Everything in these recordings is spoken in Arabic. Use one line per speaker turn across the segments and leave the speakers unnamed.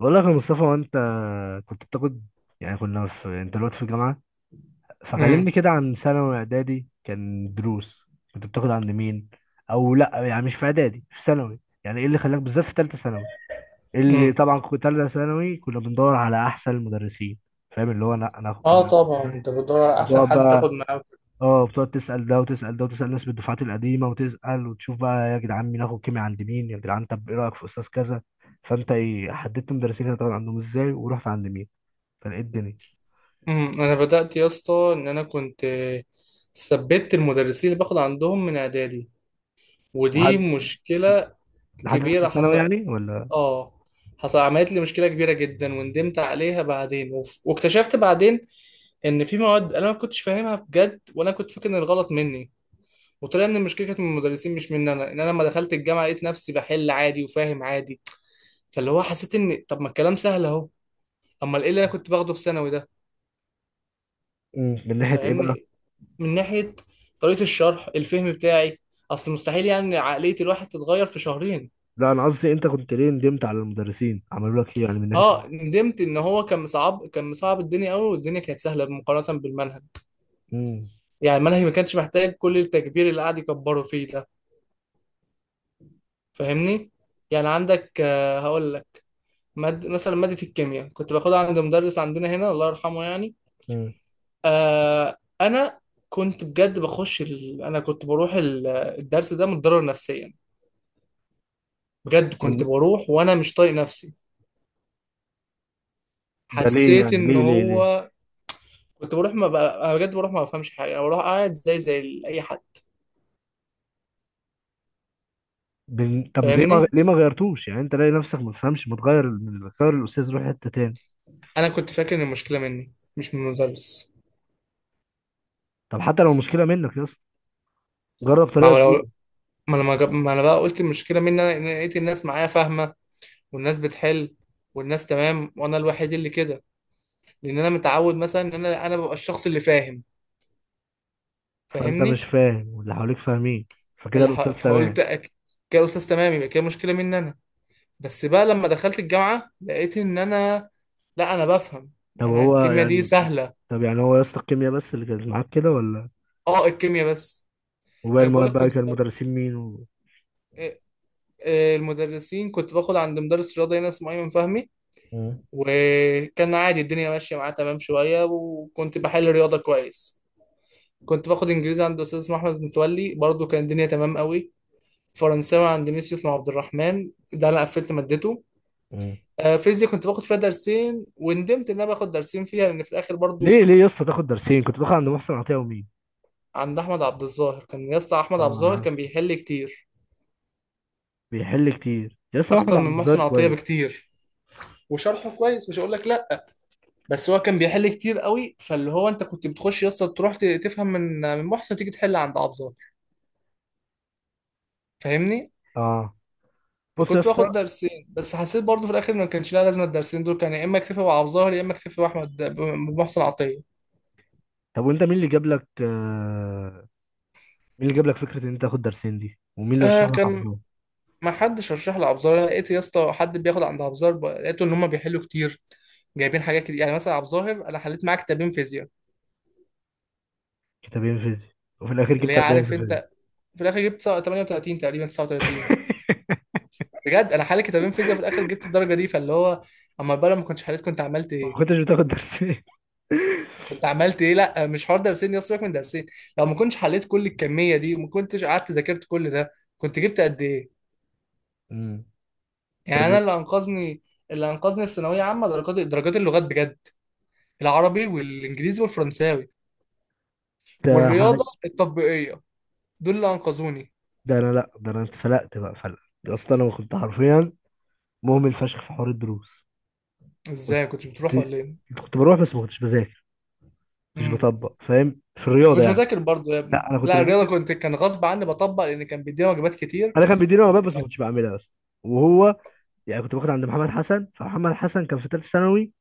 بقول لك يا مصطفى، وانت كنت بتاخد، يعني كنا في، انت دلوقتي في الجامعة،
امم.
فكلمني كده عن ثانوي واعدادي. كان دروس؟ كنت بتاخد عند مين؟ او لا يعني مش في اعدادي، في ثانوي. يعني ايه اللي خلاك بالذات في ثالثة ثانوي؟ إيه اللي،
امم.
طبعا كنت ثالثة ثانوي كنا بندور على احسن المدرسين. فاهم؟ اللي هو انا هاخد كده
اه طبعا انت بتدور على احسن
وتقعد
حد
بقى.
تاخد معاه.
اه، بتقعد تسأل ده وتسأل ده وتسأل ناس بالدفعات القديمة وتسأل وتشوف بقى، يا جدعان مين اخد كيمياء عند مين، يا جدعان طب ايه رأيك في استاذ كذا. فانت ايه، حددت مدرسين هتقعد عندهم ازاي ورحت عند مين؟ فلقيت الدنيا.
امم. انا بدأت يا اسطى ان انا كنت ثبت المدرسين اللي باخد عندهم من اعدادي، ودي
لحد،
مشكلة
لحد ثالثه
كبيرة
ثانوي
حصل.
يعني ولا؟
اه حصل عملت لي مشكلة كبيرة جدا وندمت عليها بعدين، واكتشفت بعدين ان في مواد انا ما كنتش فاهمها بجد، وانا كنت فاكر ان الغلط مني، وطلع ان المشكلة كانت من المدرسين مش مني انا. ان انا لما دخلت الجامعة لقيت نفسي بحل عادي وفاهم عادي، فاللي هو حسيت ان طب ما الكلام سهل اهو. اما ايه اللي انا كنت باخده في ثانوي ده؟
امم، من ناحيه ايه بقى؟
فاهمني. من ناحيه طريقه الشرح، الفهم بتاعي. اصل مستحيل يعني عقليه الواحد تتغير في شهرين.
لا انا قصدي انت كنت ليه ندمت على المدرسين، عملوا لك ايه يعني؟ من ناحيه ايه؟
اه، ندمت ان هو كان مصعب، كان مصعب الدنيا قوي، والدنيا كانت سهله مقارنه بالمنهج.
امم
يعني المنهج ما كانش محتاج كل التكبير اللي قاعد يكبره فيه ده. فاهمني. يعني عندك، هقول لك. مثلا ماده الكيمياء كنت باخدها عند مدرس عندنا هنا الله يرحمه يعني.
امم
انا كنت بجد انا كنت بروح الدرس ده متضرر نفسيا. بجد كنت
من
بروح وانا مش طايق نفسي.
ده ليه
حسيت
يعني؟
ان
ليه؟
هو. كنت بروح، ما بقى أنا بجد بروح ما بفهمش حاجه، انا بروح قاعد زي اي حد.
طب ليه ما،
فاهمني.
ليه ما غيرتوش؟ يعني انت لاقي نفسك ما تفهمش، ما تغير الاستاذ، روح حته تاني.
انا كنت فاكر ان المشكله مني مش من المدرس.
طب حتى لو مشكله منك يا اسطى، جرب
ما
طريقه
هو لو،
جديده.
ما انا بقى قلت المشكله مني انا، إن أنا لقيت الناس معايا فاهمه، والناس بتحل، والناس تمام، وانا الوحيد اللي كده. لان انا متعود مثلا ان انا ببقى الشخص اللي فاهم.
فانت مش
فاهمني.
فاهم واللي حواليك فاهمين، فكده الاستاذ تمام.
فقلت، كده استاذ تمام، يبقى كده مشكله مني انا. بس بقى لما دخلت الجامعة لقيت إن أنا، لا، أنا بفهم.
طب
أنا
هو
الكيمياء دي
يعني،
سهلة.
طب يعني هو يا اسطى الكيمياء بس اللي كانت معاك كده ولا
أه، الكيمياء بس.
وباقي
أنا
المواد
بقولك
بقى
كنت
كان
بر...
المدرسين مين و...
آه، آه، المدرسين كنت باخد عند مدرس رياضة هنا اسمه أيمن فهمي، وكان عادي الدنيا ماشية معاه تمام شوية وكنت بحل رياضة كويس. كنت باخد إنجليزي عند أستاذ اسمه أحمد متولي، برضه كان الدنيا تمام قوي. فرنساوي عند ميس يوسف عبد الرحمن، ده أنا قفلت مادته.
امم،
فيزياء كنت باخد فيها درسين، وندمت إن أنا باخد درسين فيها لأن في الآخر برضه
ليه ليه يا اسطى تاخد درسين؟ كنت باخد عند محسن عطيه ومين؟
عند احمد عبد الظاهر كان. يا اسطى احمد عبد
اه انا
الظاهر
عارف.
كان بيحل كتير،
بيحل كتير يا اسطى احمد
اكتر من
عبد الظاهر،
محسن عطيه
كويس.
بكتير، وشرحه كويس مش هقول لك لا. بس هو كان بيحل كتير قوي، فاللي هو انت كنت بتخش يا اسطى تروح تفهم من محسن، تيجي تحل عند عبد الظاهر. فاهمني.
اه، بص يا
فكنت
اسطى.
باخد درسين، بس حسيت برضه في الاخر ما كانش لها لازمه الدرسين دول. كان يا اما اكتفي بعبد الظاهر يا اما اكتفي باحمد بمحسن عطيه.
طب وانت مين اللي جاب لك مين اللي جاب لك فكره ان انت تاخد درسين دي؟ ومين اللي رشح لك
كان
حفظهم؟
ما حدش رشح لعبد الظاهر، أنا لقيت يا اسطى حد بياخد عند عبد الظاهر، لقيته ان هم بيحلوا كتير، جايبين حاجات كتير. يعني مثلا عبد الظاهر انا حليت معاه كتابين فيزياء.
كتابين فيزياء؟ وفي الاخير
اللي
جبت
هي
40 في
عارف
الفيزياء؟
انت، في الاخر جبت 38 تقريبا 39. بجد انا حالي كتابين فيزياء، في الاخر جبت الدرجه دي. فاللي هو اما بقى لو ما كنتش حليت كنت عملت
ما
ايه؟
كنتش بتاخد درسين.
كنت عملت ايه؟ لا مش حوار درسين، يا سيبك من درسين. لو ما كنتش حليت كل الكميه دي وما كنتش قعدت ذاكرت كل ده، كنت جبت قد ايه؟
امم،
يعني
طب
انا اللي انقذني، اللي انقذني في ثانويه عامه درجات، درجات اللغات بجد. العربي والانجليزي والفرنساوي
ده ح-
والرياضه التطبيقيه، دول اللي انقذوني.
ده انا، لا ده انا اتفلقت بقى فلق. يا اسطى انا كنت حرفيا مهمل فشخ في حوار الدروس. كنت
ازاي كنتش بتروح ولا
كنت بروح بس ما كنتش بذاكر. ما كنتش
ايه؟
بطبق، فاهم؟ في
ما
الرياضه
كنتش
يعني.
بذاكر برضه يا ابني.
لا انا كنت
لا الرياضه
بذاكر،
كان غصب عني بطبق لان كان بيدينا واجبات كتير.
انا كان بيديني وانا بس ما كنتش بعملها بس. وهو يعني كنت باخد عند محمد حسن، فمحمد حسن كان في ثالثه ثانوي،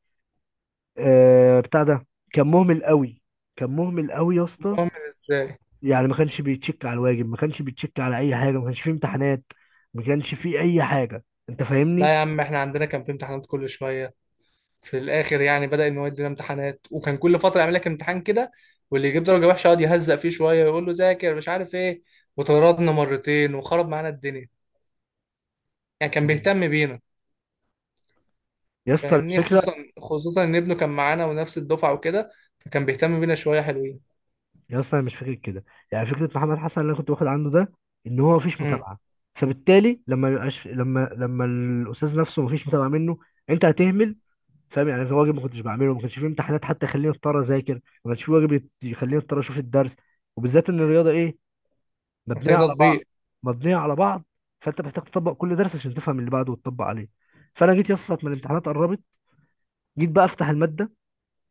آه بتاع ده، كان مهمل قوي. كان مهمل قوي يا اسطى.
مهم ازاي؟
يعني ما كانش بيتشك على الواجب، ما كانش بيتشك على اي حاجه، ما كانش فيه امتحانات، ما كانش فيه اي حاجه. انت
لا
فاهمني؟
يا عم احنا عندنا كان في امتحانات كل شويه. في الاخر يعني بدا ان هو يدينا امتحانات، وكان كل فتره يعمل لك امتحان كده، واللي يجيب درجه وحشه يقعد يهزق فيه شويه ويقول له ذاكر مش عارف ايه. وطردنا مرتين وخرب معانا الدنيا. يعني كان
مم.
بيهتم بينا.
يا اسطى
فاهمني. خصوصا،
الفكره،
خصوصا ان ابنه كان معانا ونفس الدفعه وكده، فكان بيهتم بينا شويه حلوين.
يا اسطى انا مش فاكر كده. يعني فكره محمد حسن اللي انا كنت واخد عنده ده، ان هو مفيش
امم.
متابعه. فبالتالي لما يبقاش لما لما الاستاذ نفسه مفيش متابعه منه، انت هتهمل. فاهم؟ يعني في واجب ما كنتش بعمله، ما كانش في امتحانات حتى يخليني اضطر اذاكر، ما كانش في يخليني اضطر اشوف الدرس. وبالذات ان الرياضه ايه، مبنيه
محتاج
على بعض،
تطبيق.
مبنيه على بعض. فانت محتاج تطبق كل درس عشان تفهم اللي بعده وتطبق عليه. فانا جيت يسطا من الامتحانات قربت، جيت بقى افتح الماده،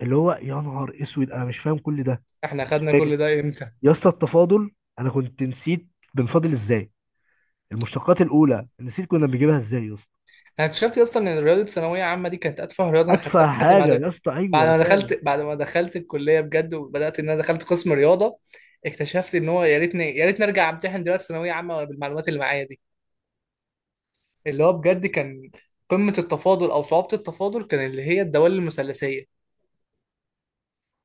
اللي هو يا نهار اسود انا مش فاهم كل ده.
احنا
أنا مش
خدنا
فاكر.
كل ده امتى؟
يا اسطى التفاضل، انا كنت نسيت بنفاضل ازاي. المشتقات الاولى نسيت كنا بنجيبها ازاي يا اسطى.
انا اكتشفت اصلا ان رياضه ثانويه عامه دي كانت اتفه رياضه انا خدتها
ادفع
في حياتي
حاجه
بعد.
يا اسطى. ايوه
بعد
ده
ما
فعلا.
دخلت بعد ما دخلت الكليه بجد وبدات ان انا دخلت قسم رياضه، اكتشفت ان هو يا ريتني يا ريتني ارجع امتحن دلوقتي ثانويه عامه بالمعلومات اللي معايا دي. اللي هو بجد كان قمه التفاضل، او صعوبه التفاضل، كان اللي هي الدوال المثلثيه.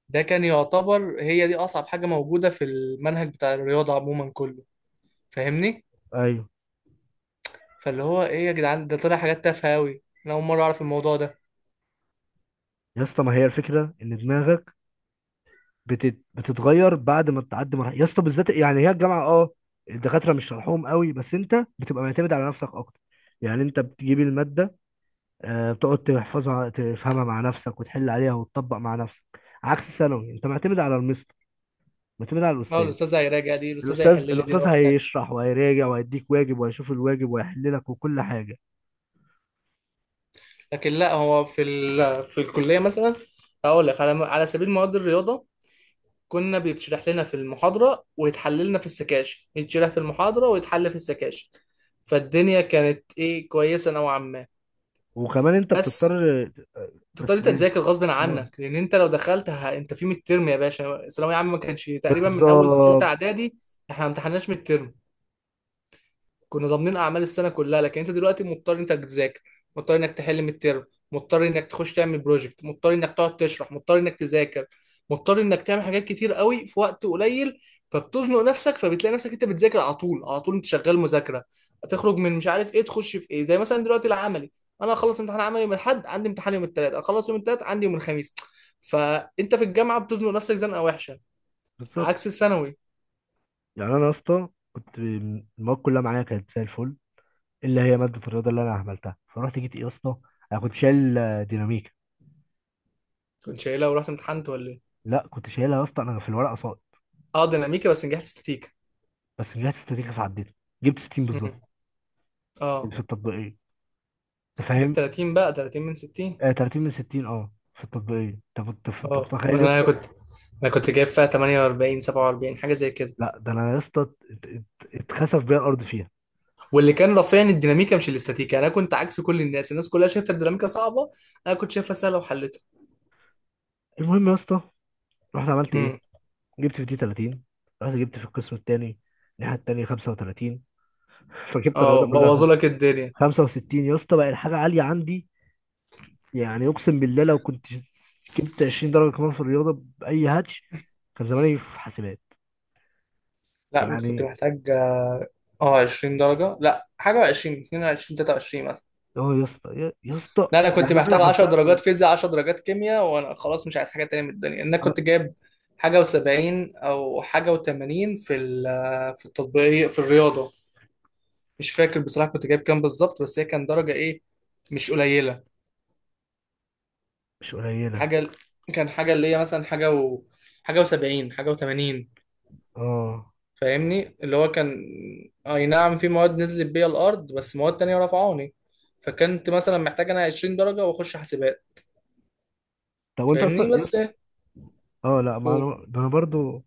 ده كان يعتبر هي دي اصعب حاجه موجوده في المنهج بتاع الرياضه عموما كله. فاهمني.
ايوه
فاللي هو ايه يا جدعان، ده طلع حاجات تافهه قوي، انا اول مره اعرف الموضوع ده.
يا اسطى، ما هي الفكره ان دماغك بتتغير بعد ما بتعدي مرحله يا اسطى. بالذات يعني هي الجامعه، اه الدكاتره مش شرحهم قوي، بس انت بتبقى معتمد على نفسك اكتر. يعني انت بتجيب الماده، بتقعد تحفظها، تفهمها مع نفسك، وتحل عليها وتطبق مع نفسك. عكس ثانوي انت معتمد على المستر، معتمد على
اه،
الاستاذ.
الاستاذه هيراجع دي، الاستاذه هيحل
الاستاذ
لي دي
الاستاذ
لوحدها.
هيشرح وهيراجع وهيديك واجب وهيشوف الواجب وهيحل لك وكل حاجه.
لكن لا، هو في الكليه مثلا، اقول لك على سبيل مواد الرياضه، كنا بيتشرح لنا في المحاضره ويتحل لنا في السكاشن، يتشرح في المحاضره ويتحل في السكاشن. فالدنيا كانت ايه، كويسه نوعا ما.
وكمان انت
بس
بتضطر.
تضطر
بس
انت
ايه،
تذاكر غصب
اه
عنك، لان انت لو دخلت انت في ميد ترم يا باشا، ثانويه عامه ما كانش تقريبا من اول ثالثه
بالظبط،
اعدادي احنا ما امتحناش ميد ترم. كنا ضامنين اعمال السنه كلها، لكن انت دلوقتي مضطر انك تذاكر، مضطر انك تحل من الترم، مضطر انك تخش تعمل بروجكت، مضطر انك تقعد تشرح، مضطر انك تذاكر، مضطر انك تعمل حاجات كتير قوي في وقت قليل. فبتزنق نفسك، فبتلاقي نفسك انت بتذاكر على طول على طول، انت شغال مذاكره. تخرج من مش عارف ايه تخش في ايه، زي مثلا دلوقتي العملي. انا اخلص امتحان عملي من الحد، عندي امتحان يوم الثلاث، اخلص يوم الثلاث عندي يوم الخميس. فانت في الجامعه بتزنق نفسك زنقه وحشه،
بالظبط.
عكس الثانوي.
يعني انا يا اسطى كنت المواد كلها معايا كانت زي الفل، اللي هي ماده الرياضه اللي انا عملتها، فرحت جيت ايه يا اسطى، انا كنت شايل ديناميكا.
كنت شايلها ورحت امتحنت ولا ايه؟
لا كنت شايلها يا اسطى، انا في الورقه صائب.
اه، ديناميكا بس نجحت ستيك.
بس رجعت استراتيجي فعديتها، جبت 60 بالظبط في
اه،
التطبيقيه. انت
جيب
فاهم؟
30 بقى، 30 من 60.
آه 30 من 60، اه في التطبيقيه. انت انت
اه،
متخيل يا
انا
اسطى؟
كنت انا كنت جايب فيها 48 47 حاجه زي كده.
لا ده انا يا اسطى ات- اتخسف بيا الارض فيها.
واللي كان رافعني الديناميكا مش الاستاتيكا، انا كنت عكس كل الناس، الناس كلها شايفه الديناميكا صعبه، انا كنت شايفها سهله وحلتها.
المهم يا اسطى، رحت عملت ايه،
امم.
جبت في دي 30، رحت جبت في القسم الثاني الناحيه الثانيه 35. فجبت
اه،
الرياضه
بوظوا
كلها
لك الدنيا.
65 يا اسطى، بقى الحاجه عاليه عندي. يعني اقسم بالله لو كنت جبت 20 درجه كمان في الرياضه باي هاتش، كان زماني في حاسبات.
لا انت كنت
يعني
محتاج اه 20 درجه. لا حاجه، 20 22 23 مثلا.
اه يا اسطى، يا اسطى،
لا انا
يعني
كنت
انا
محتاج 10 درجات
حرفيا
فيزياء، 10 درجات كيمياء، وانا خلاص مش عايز حاجه تانية من الدنيا. انا
آه،
كنت جايب حاجه و70 او حاجه و80، في التطبيقيه في الرياضه. مش فاكر بصراحه كنت جايب كام بالظبط، بس هي كان درجه ايه، مش قليله.
مش قليله.
حاجه، كان حاجه اللي هي مثلا حاجه و70، حاجه و80.
اه،
فاهمني. اللي هو كان اي نعم في مواد نزلت بيها الارض، بس مواد تانية رفعوني. فكنت مثلا محتاج انا 20 درجه واخش حاسبات.
طب وانت
فاهمني.
اصلا يا
بس
اسطى؟ اه لا ما
ايه؟
انا، ده انا برضو.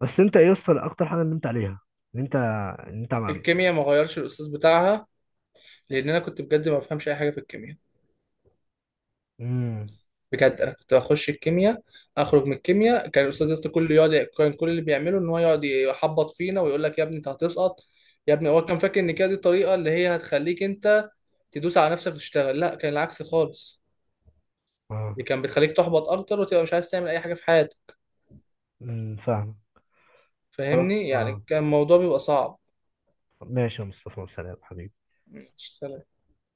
بس انت إيه يا اسطى اكتر حاجه نمت عليها؟ ان انت، ان انت مع،
الكيمياء ما غيرش الاستاذ بتاعها لان انا كنت بجد ما بفهمش اي حاجه في الكيمياء.
امم،
بجد انا كنت بخش الكيمياء، اخرج من الكيمياء، كان الاستاذ يسطا كله يقعد، كان كل اللي بيعمله ان هو يقعد يحبط فينا ويقول لك يا ابني انت هتسقط، يا ابني. هو كان فاكر ان كده دي الطريقه اللي هي هتخليك انت تدوس على نفسك وتشتغل. لا، كان العكس خالص.
اه،
دي كان بتخليك تحبط اكتر وتبقى مش عايز تعمل اي حاجه في حياتك.
امم، فاهم. خلاص،
فاهمني. يعني
اه
كان الموضوع بيبقى صعب.
ماشي يا مصطفى، سلام حبيبي.